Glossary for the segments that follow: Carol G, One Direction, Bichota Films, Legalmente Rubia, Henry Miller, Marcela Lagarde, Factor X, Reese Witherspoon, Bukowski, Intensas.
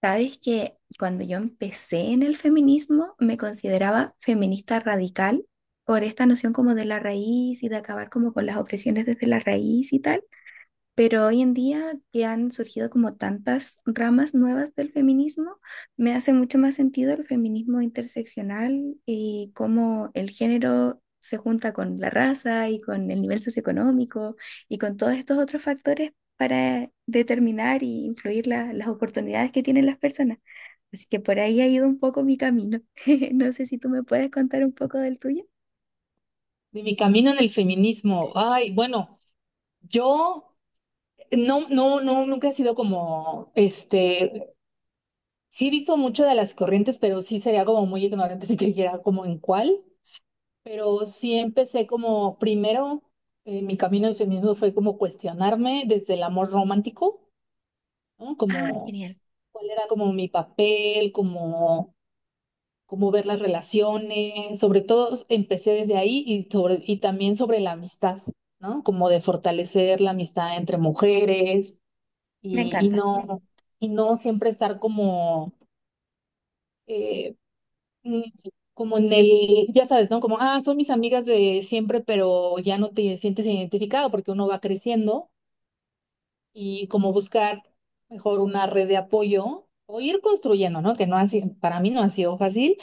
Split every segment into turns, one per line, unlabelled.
Sabes que cuando yo empecé en el feminismo me consideraba feminista radical por esta noción como de la raíz y de acabar como con las opresiones desde la raíz y tal, pero hoy en día que han surgido como tantas ramas nuevas del feminismo, me hace mucho más sentido el feminismo interseccional y cómo el género se junta con la raza y con el nivel socioeconómico y con todos estos otros factores para determinar y influir las oportunidades que tienen las personas. Así que por ahí ha ido un poco mi camino. No sé si tú me puedes contar un poco del tuyo.
De mi camino en el feminismo. Ay, bueno, yo no, no, no, nunca he sido como, este, sí he visto mucho de las corrientes, pero sí sería como muy ignorante si te dijera como en cuál, pero sí empecé como, primero, mi camino del feminismo fue como cuestionarme desde el amor romántico, ¿no?
Ah,
Como
genial.
cuál era como mi papel, como cómo ver las relaciones, sobre todo empecé desde ahí y, y también sobre la amistad, ¿no? Como de fortalecer la amistad entre mujeres
Me
y, y
encanta.
no, y no siempre estar como, eh, mm, como ya sabes, ¿no? Como, ah, son mis amigas de siempre, pero ya no te sientes identificado porque uno va creciendo y como buscar mejor una red de apoyo o ir construyendo, ¿no? Que no ha sido, para mí no ha sido fácil,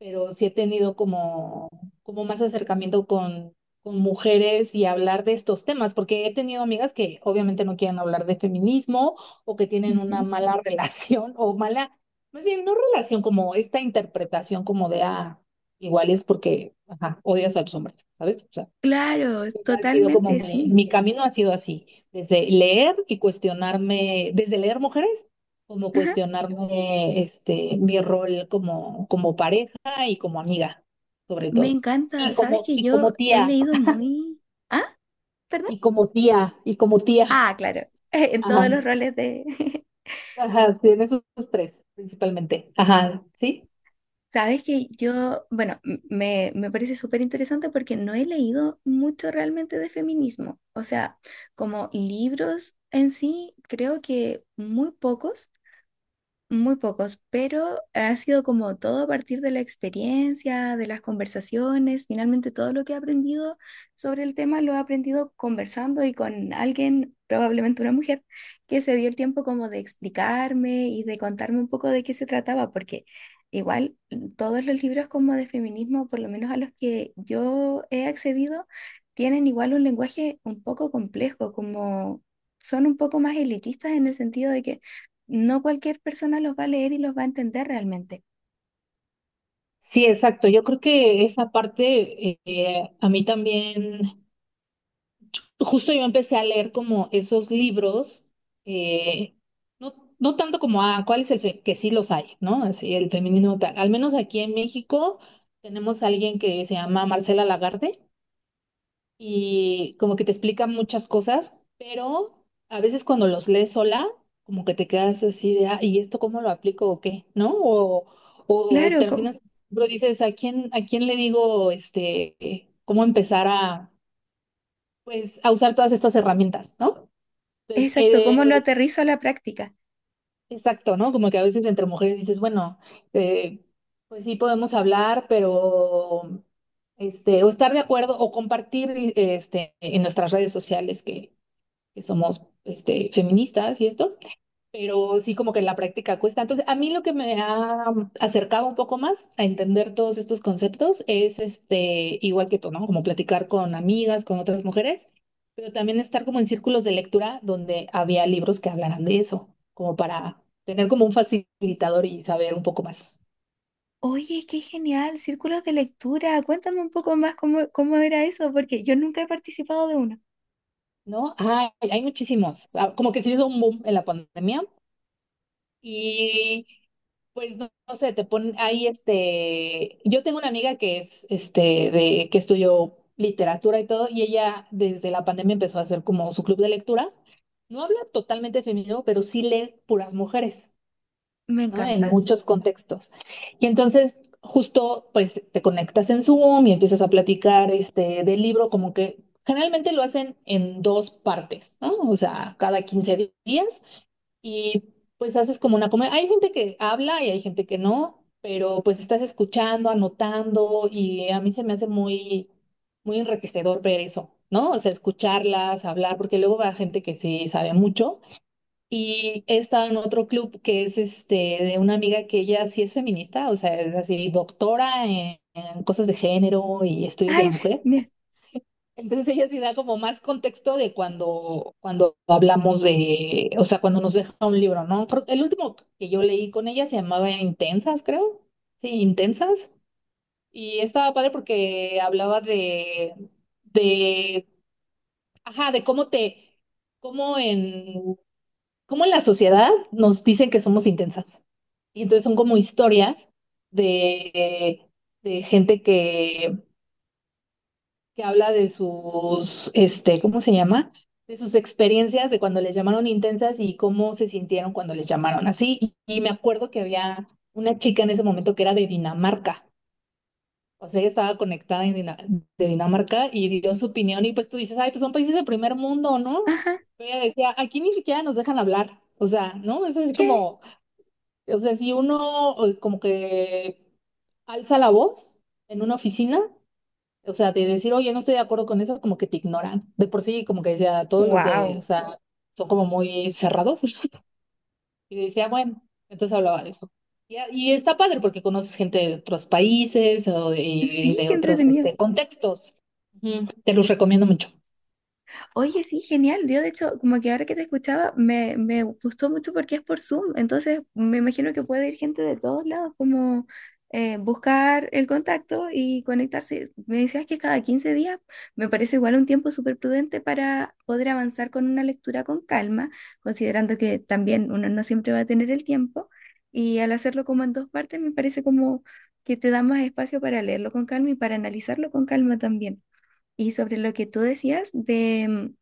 pero sí he tenido como, más acercamiento con mujeres y hablar de estos temas, porque he tenido amigas que obviamente no quieren hablar de feminismo o que tienen una
Ujú.
mala relación o mala, más bien no relación, como esta interpretación como de, ah, igual es porque, ajá, odias a los hombres, ¿sabes? O sea,
Claro,
ha sido como
totalmente,
mi,
sí.
mi camino ha sido así, desde leer y cuestionarme, desde leer mujeres, como
Ajá.
cuestionarme este, mi rol como, pareja y como amiga, sobre
Me
todo.
encanta.
Y
Sabes
como,
que yo he
tía,
leído muy... Ah, perdón.
y como tía, y como tía.
Ah, claro. En todos
Ajá,
los roles de...
ajá, sí, en esos tres principalmente. Ajá, sí.
Sabes que yo, bueno, me parece súper interesante porque no he leído mucho realmente de feminismo. O sea, como libros en sí, creo que muy pocos. Muy pocos, pero ha sido como todo a partir de la experiencia, de las conversaciones. Finalmente, todo lo que he aprendido sobre el tema lo he aprendido conversando y con alguien, probablemente una mujer, que se dio el tiempo como de explicarme y de contarme un poco de qué se trataba, porque igual todos los libros como de feminismo, por lo menos a los que yo he accedido, tienen igual un lenguaje un poco complejo, como son un poco más elitistas en el sentido de que no cualquier persona los va a leer y los va a entender realmente.
Sí, exacto. Yo creo que esa parte a mí también, justo yo empecé a leer como esos libros, eh, no, no tanto como, ah, ¿cuál es el fe-?", que sí los hay, ¿no? Así, el feminismo tal. Al menos aquí en México tenemos a alguien que se llama Marcela Lagarde y como que te explica muchas cosas, pero a veces cuando los lees sola, como que te quedas así de, ah, ¿y esto cómo lo aplico o qué? ¿No? O
Claro, co-
terminas, pero dices, ¿a quién, le digo, este, cómo empezar a, pues, a usar todas estas herramientas, ¿no? Entonces,
exacto, ¿cómo lo aterrizo a la práctica?
exacto, ¿no? Como que a veces entre mujeres dices, bueno, eh, pues sí podemos hablar, pero este, o estar de acuerdo o compartir este, en nuestras redes sociales que, somos este, feministas y esto, pero sí como que en la práctica cuesta. Entonces, a mí lo que me ha acercado un poco más a entender todos estos conceptos es, este, igual que tú, ¿no? Como platicar con amigas, con otras mujeres, pero también estar como en círculos de lectura donde había libros que hablaran de eso, como para tener como un facilitador y saber un poco más,
Oye, qué genial, círculos de lectura, cuéntame un poco más cómo, cómo era eso, porque yo nunca he participado de uno.
¿no? Ay, hay muchísimos. Ah, como que se hizo un boom en la pandemia. Y pues no, no sé, te ponen ahí este, yo tengo una amiga que es este, de que estudió literatura y todo y ella desde la pandemia empezó a hacer como su club de lectura. No habla totalmente feminismo, pero sí lee puras mujeres,
Me
¿no? En
encanta.
muchos contextos. Y entonces justo pues te conectas en Zoom y empiezas a platicar este del libro, como que generalmente lo hacen en dos partes, ¿no? O sea, cada 15 días, y pues haces como una comunidad. Hay gente que habla y hay gente que no, pero pues estás escuchando, anotando, y a mí se me hace muy, muy enriquecedor ver eso, ¿no? O sea, escucharlas, hablar, porque luego va gente que sí sabe mucho. Y he estado en otro club que es este, de una amiga que ella sí es feminista, o sea, es así doctora en cosas de género y estudios de
Ay,
la mujer.
me,
Entonces ella sí da como más contexto de cuando, hablamos de, o sea, cuando nos deja un libro, ¿no? El último que yo leí con ella se llamaba Intensas, creo. Sí, Intensas. Y estaba padre porque hablaba de, de, ajá, de cómo en, cómo en la sociedad nos dicen que somos intensas. Y entonces son como historias de, gente que habla de sus, este, ¿cómo se llama? De sus experiencias de cuando les llamaron intensas y cómo se sintieron cuando les llamaron así. Y, me acuerdo que había una chica en ese momento que era de Dinamarca. O sea, ella estaba conectada en de Dinamarca y dio su opinión y pues tú dices, ay, pues son países de primer mundo, ¿no?
ajá,
Pero ella decía, aquí ni siquiera nos dejan hablar. O sea, ¿no? Es así
¿qué?
como, o sea, si uno como que alza la voz en una oficina, o sea, de decir, oye, no estoy de acuerdo con eso, como que te ignoran. De por sí, como que decía, todos los de, o
Wow,
sea, son como muy cerrados. Y decía, bueno, entonces hablaba de eso. Y está padre porque conoces gente de otros países o de, y
sí,
de
qué
otros
entretenido.
este, contextos. Ujú. Te los recomiendo mucho.
Oye, sí, genial. Yo, de hecho, como que ahora que te escuchaba, me gustó mucho porque es por Zoom. Entonces, me imagino que puede ir gente de todos lados, como buscar el contacto y conectarse. Me decías que cada 15 días me parece igual un tiempo súper prudente para poder avanzar con una lectura con calma, considerando que también uno no siempre va a tener el tiempo. Y al hacerlo como en dos partes, me parece como que te da más espacio para leerlo con calma y para analizarlo con calma también. Y sobre lo que tú decías de,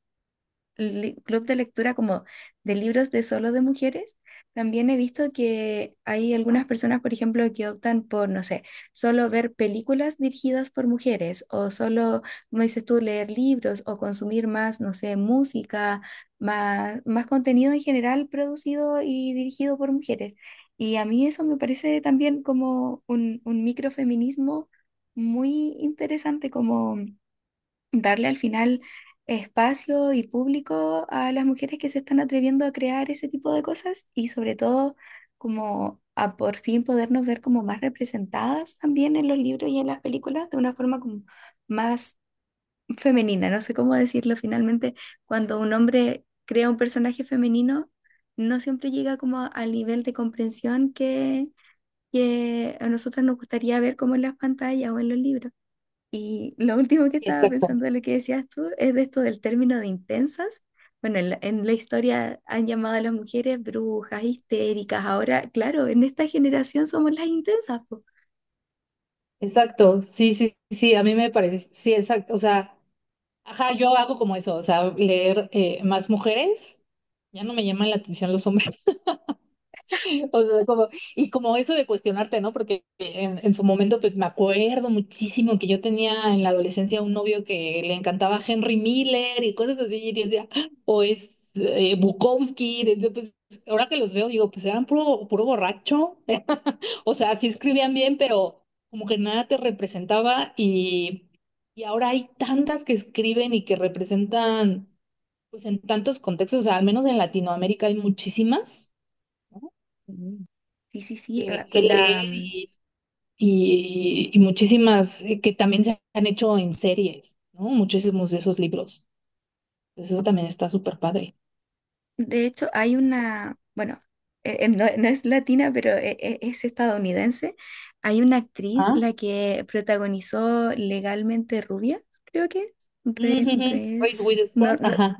club de lectura como de libros de solo de mujeres, también he visto que hay algunas personas, por ejemplo, que optan por, no sé, solo ver películas dirigidas por mujeres o solo, como dices tú, leer libros o consumir más, no sé, música, más, más contenido en general producido y dirigido por mujeres. Y a mí eso me parece también como un microfeminismo muy interesante, como darle al final espacio y público a las mujeres que se están atreviendo a crear ese tipo de cosas y sobre todo como a por fin podernos ver como más representadas también en los libros y en las películas de una forma como más femenina. No sé cómo decirlo finalmente, cuando un hombre crea un personaje femenino, no siempre llega como al nivel de comprensión que a nosotras nos gustaría ver como en las pantallas o en los libros. Y lo último que estaba
Exacto,
pensando de lo que decías tú es de esto del término de intensas. Bueno, en en la historia han llamado a las mujeres brujas, histéricas. Ahora, claro, en esta generación somos las intensas, po.
exacto. Sí, sí, sí, a mí me parece, sí, exacto. O sea, ajá, yo hago como eso, o sea, leer más mujeres. Ya no me llaman la atención los hombres. O sea, como, y como eso de cuestionarte, ¿no? Porque en su momento, pues me acuerdo muchísimo que yo tenía en la adolescencia un novio que le encantaba Henry Miller y cosas así, y decía, "Ah, o es Bukowski", desde, pues, ahora que los veo, digo, pues eran puro, puro borracho. O sea, sí escribían bien, pero como que nada te representaba, y, ahora hay tantas que escriben y que representan, pues en tantos contextos, o sea, al menos en Latinoamérica hay muchísimas, ¿no?
Mm. Sí, sí, sí.
Que, leer, y, muchísimas que también se han hecho en series, ¿no? Muchísimos de esos libros. Entonces eso también está súper padre.
De hecho, hay una, bueno, no, no es latina, pero es estadounidense. Hay una actriz,
Ah,
la que protagonizó Legalmente Rubia, creo que es.
ujú, Reese
No,
Witherspoon,
no,
ajá,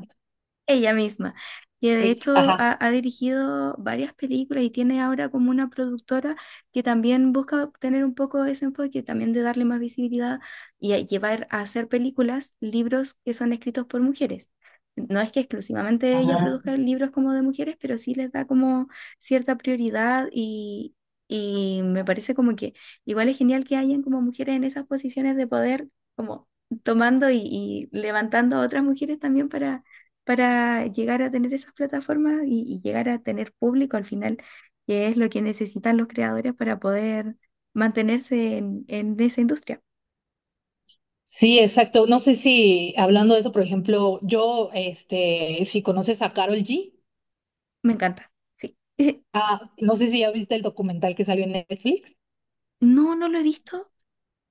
ella misma. Y de
Reese,
hecho
ajá,
ha, ha dirigido varias películas y tiene ahora como una productora que también busca tener un poco ese enfoque, también de darle más visibilidad y a llevar a hacer películas, libros que son escritos por mujeres. No es que exclusivamente ella
ajá.
produzca libros como de mujeres, pero sí les da como cierta prioridad y me parece como que igual es genial que hayan como mujeres en esas posiciones de poder, como tomando y levantando a otras mujeres también para llegar a tener esas plataformas y llegar a tener público al final, que es lo que necesitan los creadores para poder mantenerse en esa industria.
Sí, exacto. No sé, si hablando de eso, por ejemplo, yo, este, si conoces a Carol G,
Me encanta, sí.
ah, no sé si ya viste el documental que salió en Netflix.
No, no lo he visto.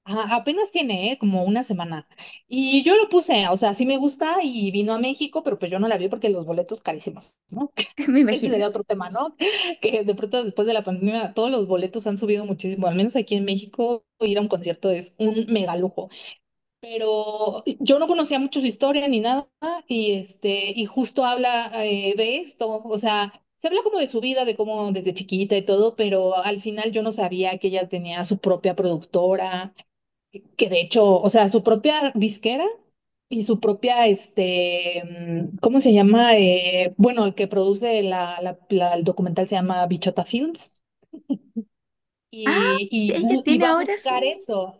Ajá, apenas tiene, ¿eh?, como una semana. Y yo lo puse, o sea, sí me gusta, y vino a México, pero pues yo no la vi porque los boletos carísimos, ¿no?
Me
Ese
imagino.
sería otro tema, ¿no? Que de pronto después de la pandemia todos los boletos han subido muchísimo, al menos aquí en México ir a un concierto es un mega lujo. Pero yo no conocía mucho su historia ni nada, y este, y justo habla de esto, o sea, se habla como de su vida, de cómo desde chiquita y todo, pero al final yo no sabía que ella tenía su propia productora, que de hecho, o sea, su propia disquera y su propia, este, ¿cómo se llama? Bueno, el que produce el documental se llama Bichota Films,
Ah, sí, ella
y
tiene
va a
ahora
buscar
su...
eso.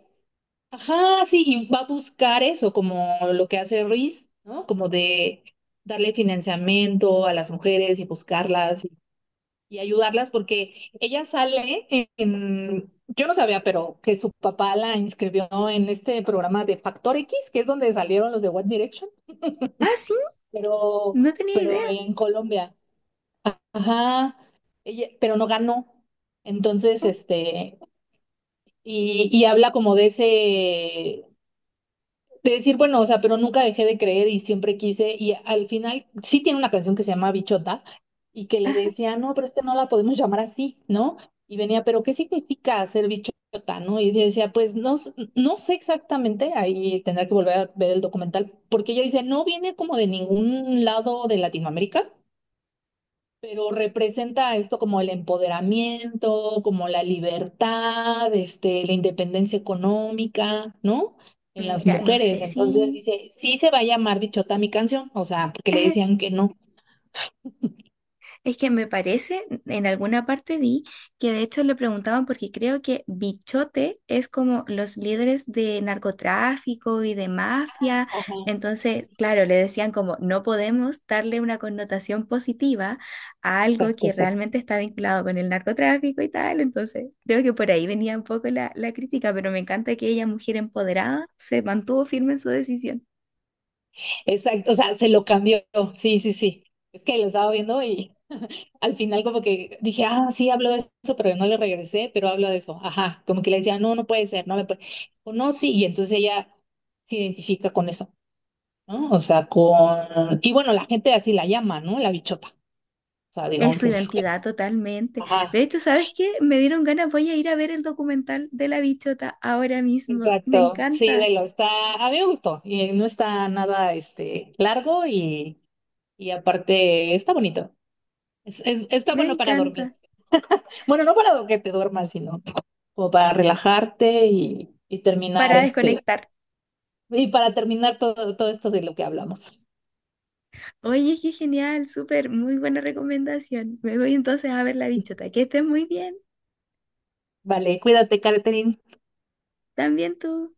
Ajá, sí, y va a buscar eso, como lo que hace Ruiz, ¿no? Como de darle financiamiento a las mujeres y buscarlas y ayudarlas porque ella sale en, yo no sabía, pero que su papá la inscribió en este programa de Factor X, que es donde salieron los de One Direction,
Ah, sí,
pero,
no tenía
pero
idea.
en Colombia. Ajá, ella, pero no ganó. Entonces,
Oh,
este, y, habla como de ese, de decir, bueno, o sea, pero nunca dejé de creer y siempre quise. Y al final sí tiene una canción que se llama Bichota, y que le
ajá.
decía, no, pero es que no la podemos llamar así, ¿no? Y venía, pero ¿qué significa ser bichota, no? Y yo decía, pues no, no sé exactamente, ahí tendrá que volver a ver el documental, porque ella dice, no viene como de ningún lado de Latinoamérica, pero representa esto como el empoderamiento, como la libertad, este, la independencia económica, ¿no? En las
Mira, no
mujeres.
sé
Entonces
si...
dice, sí se va a llamar Bichota mi canción, o sea, porque le decían que no.
Es que me parece, en alguna parte vi que de hecho le preguntaban porque creo que Bichote es como los líderes de narcotráfico y de mafia.
Ajá,
Entonces, claro, le decían como no podemos darle una connotación positiva a algo
exacto,
que
exacto.
realmente está vinculado con el narcotráfico y tal. Entonces, creo que por ahí venía un poco la crítica, pero me encanta que ella, mujer empoderada, se mantuvo firme en su decisión.
Exacto, o sea, se lo cambió. Sí, sí, sí. Es que lo estaba viendo, y al final como que dije, ah, sí, habló de eso, pero no le regresé, pero hablo de eso. Ajá, como que le decía, no, no puede ser, no me puede. O no, sí, y entonces ella se identifica con eso, ¿no? O sea, con... Y bueno, la gente así la llama, ¿no? La bichota. O sea, digo,
Es su
aunque es...
identidad totalmente. De
Ajá,
hecho, ¿sabes qué? Me dieron ganas, voy a ir a ver el documental de la bichota ahora mismo. Me
exacto. Sí,
encanta,
velo, está... A mí me gustó. Y no está nada, este, largo, y, aparte está bonito. Está
me
bueno para
encanta.
dormir. Bueno, no para que te duermas, sino como para relajarte y, terminar
Para
este...
desconectar.
Y para terminar todo, todo esto de lo que hablamos.
Oye, qué genial, súper, muy buena recomendación. Me voy entonces a ver la bichota. Que estés muy bien,
Vale, cuídate, Catherine.
también tú.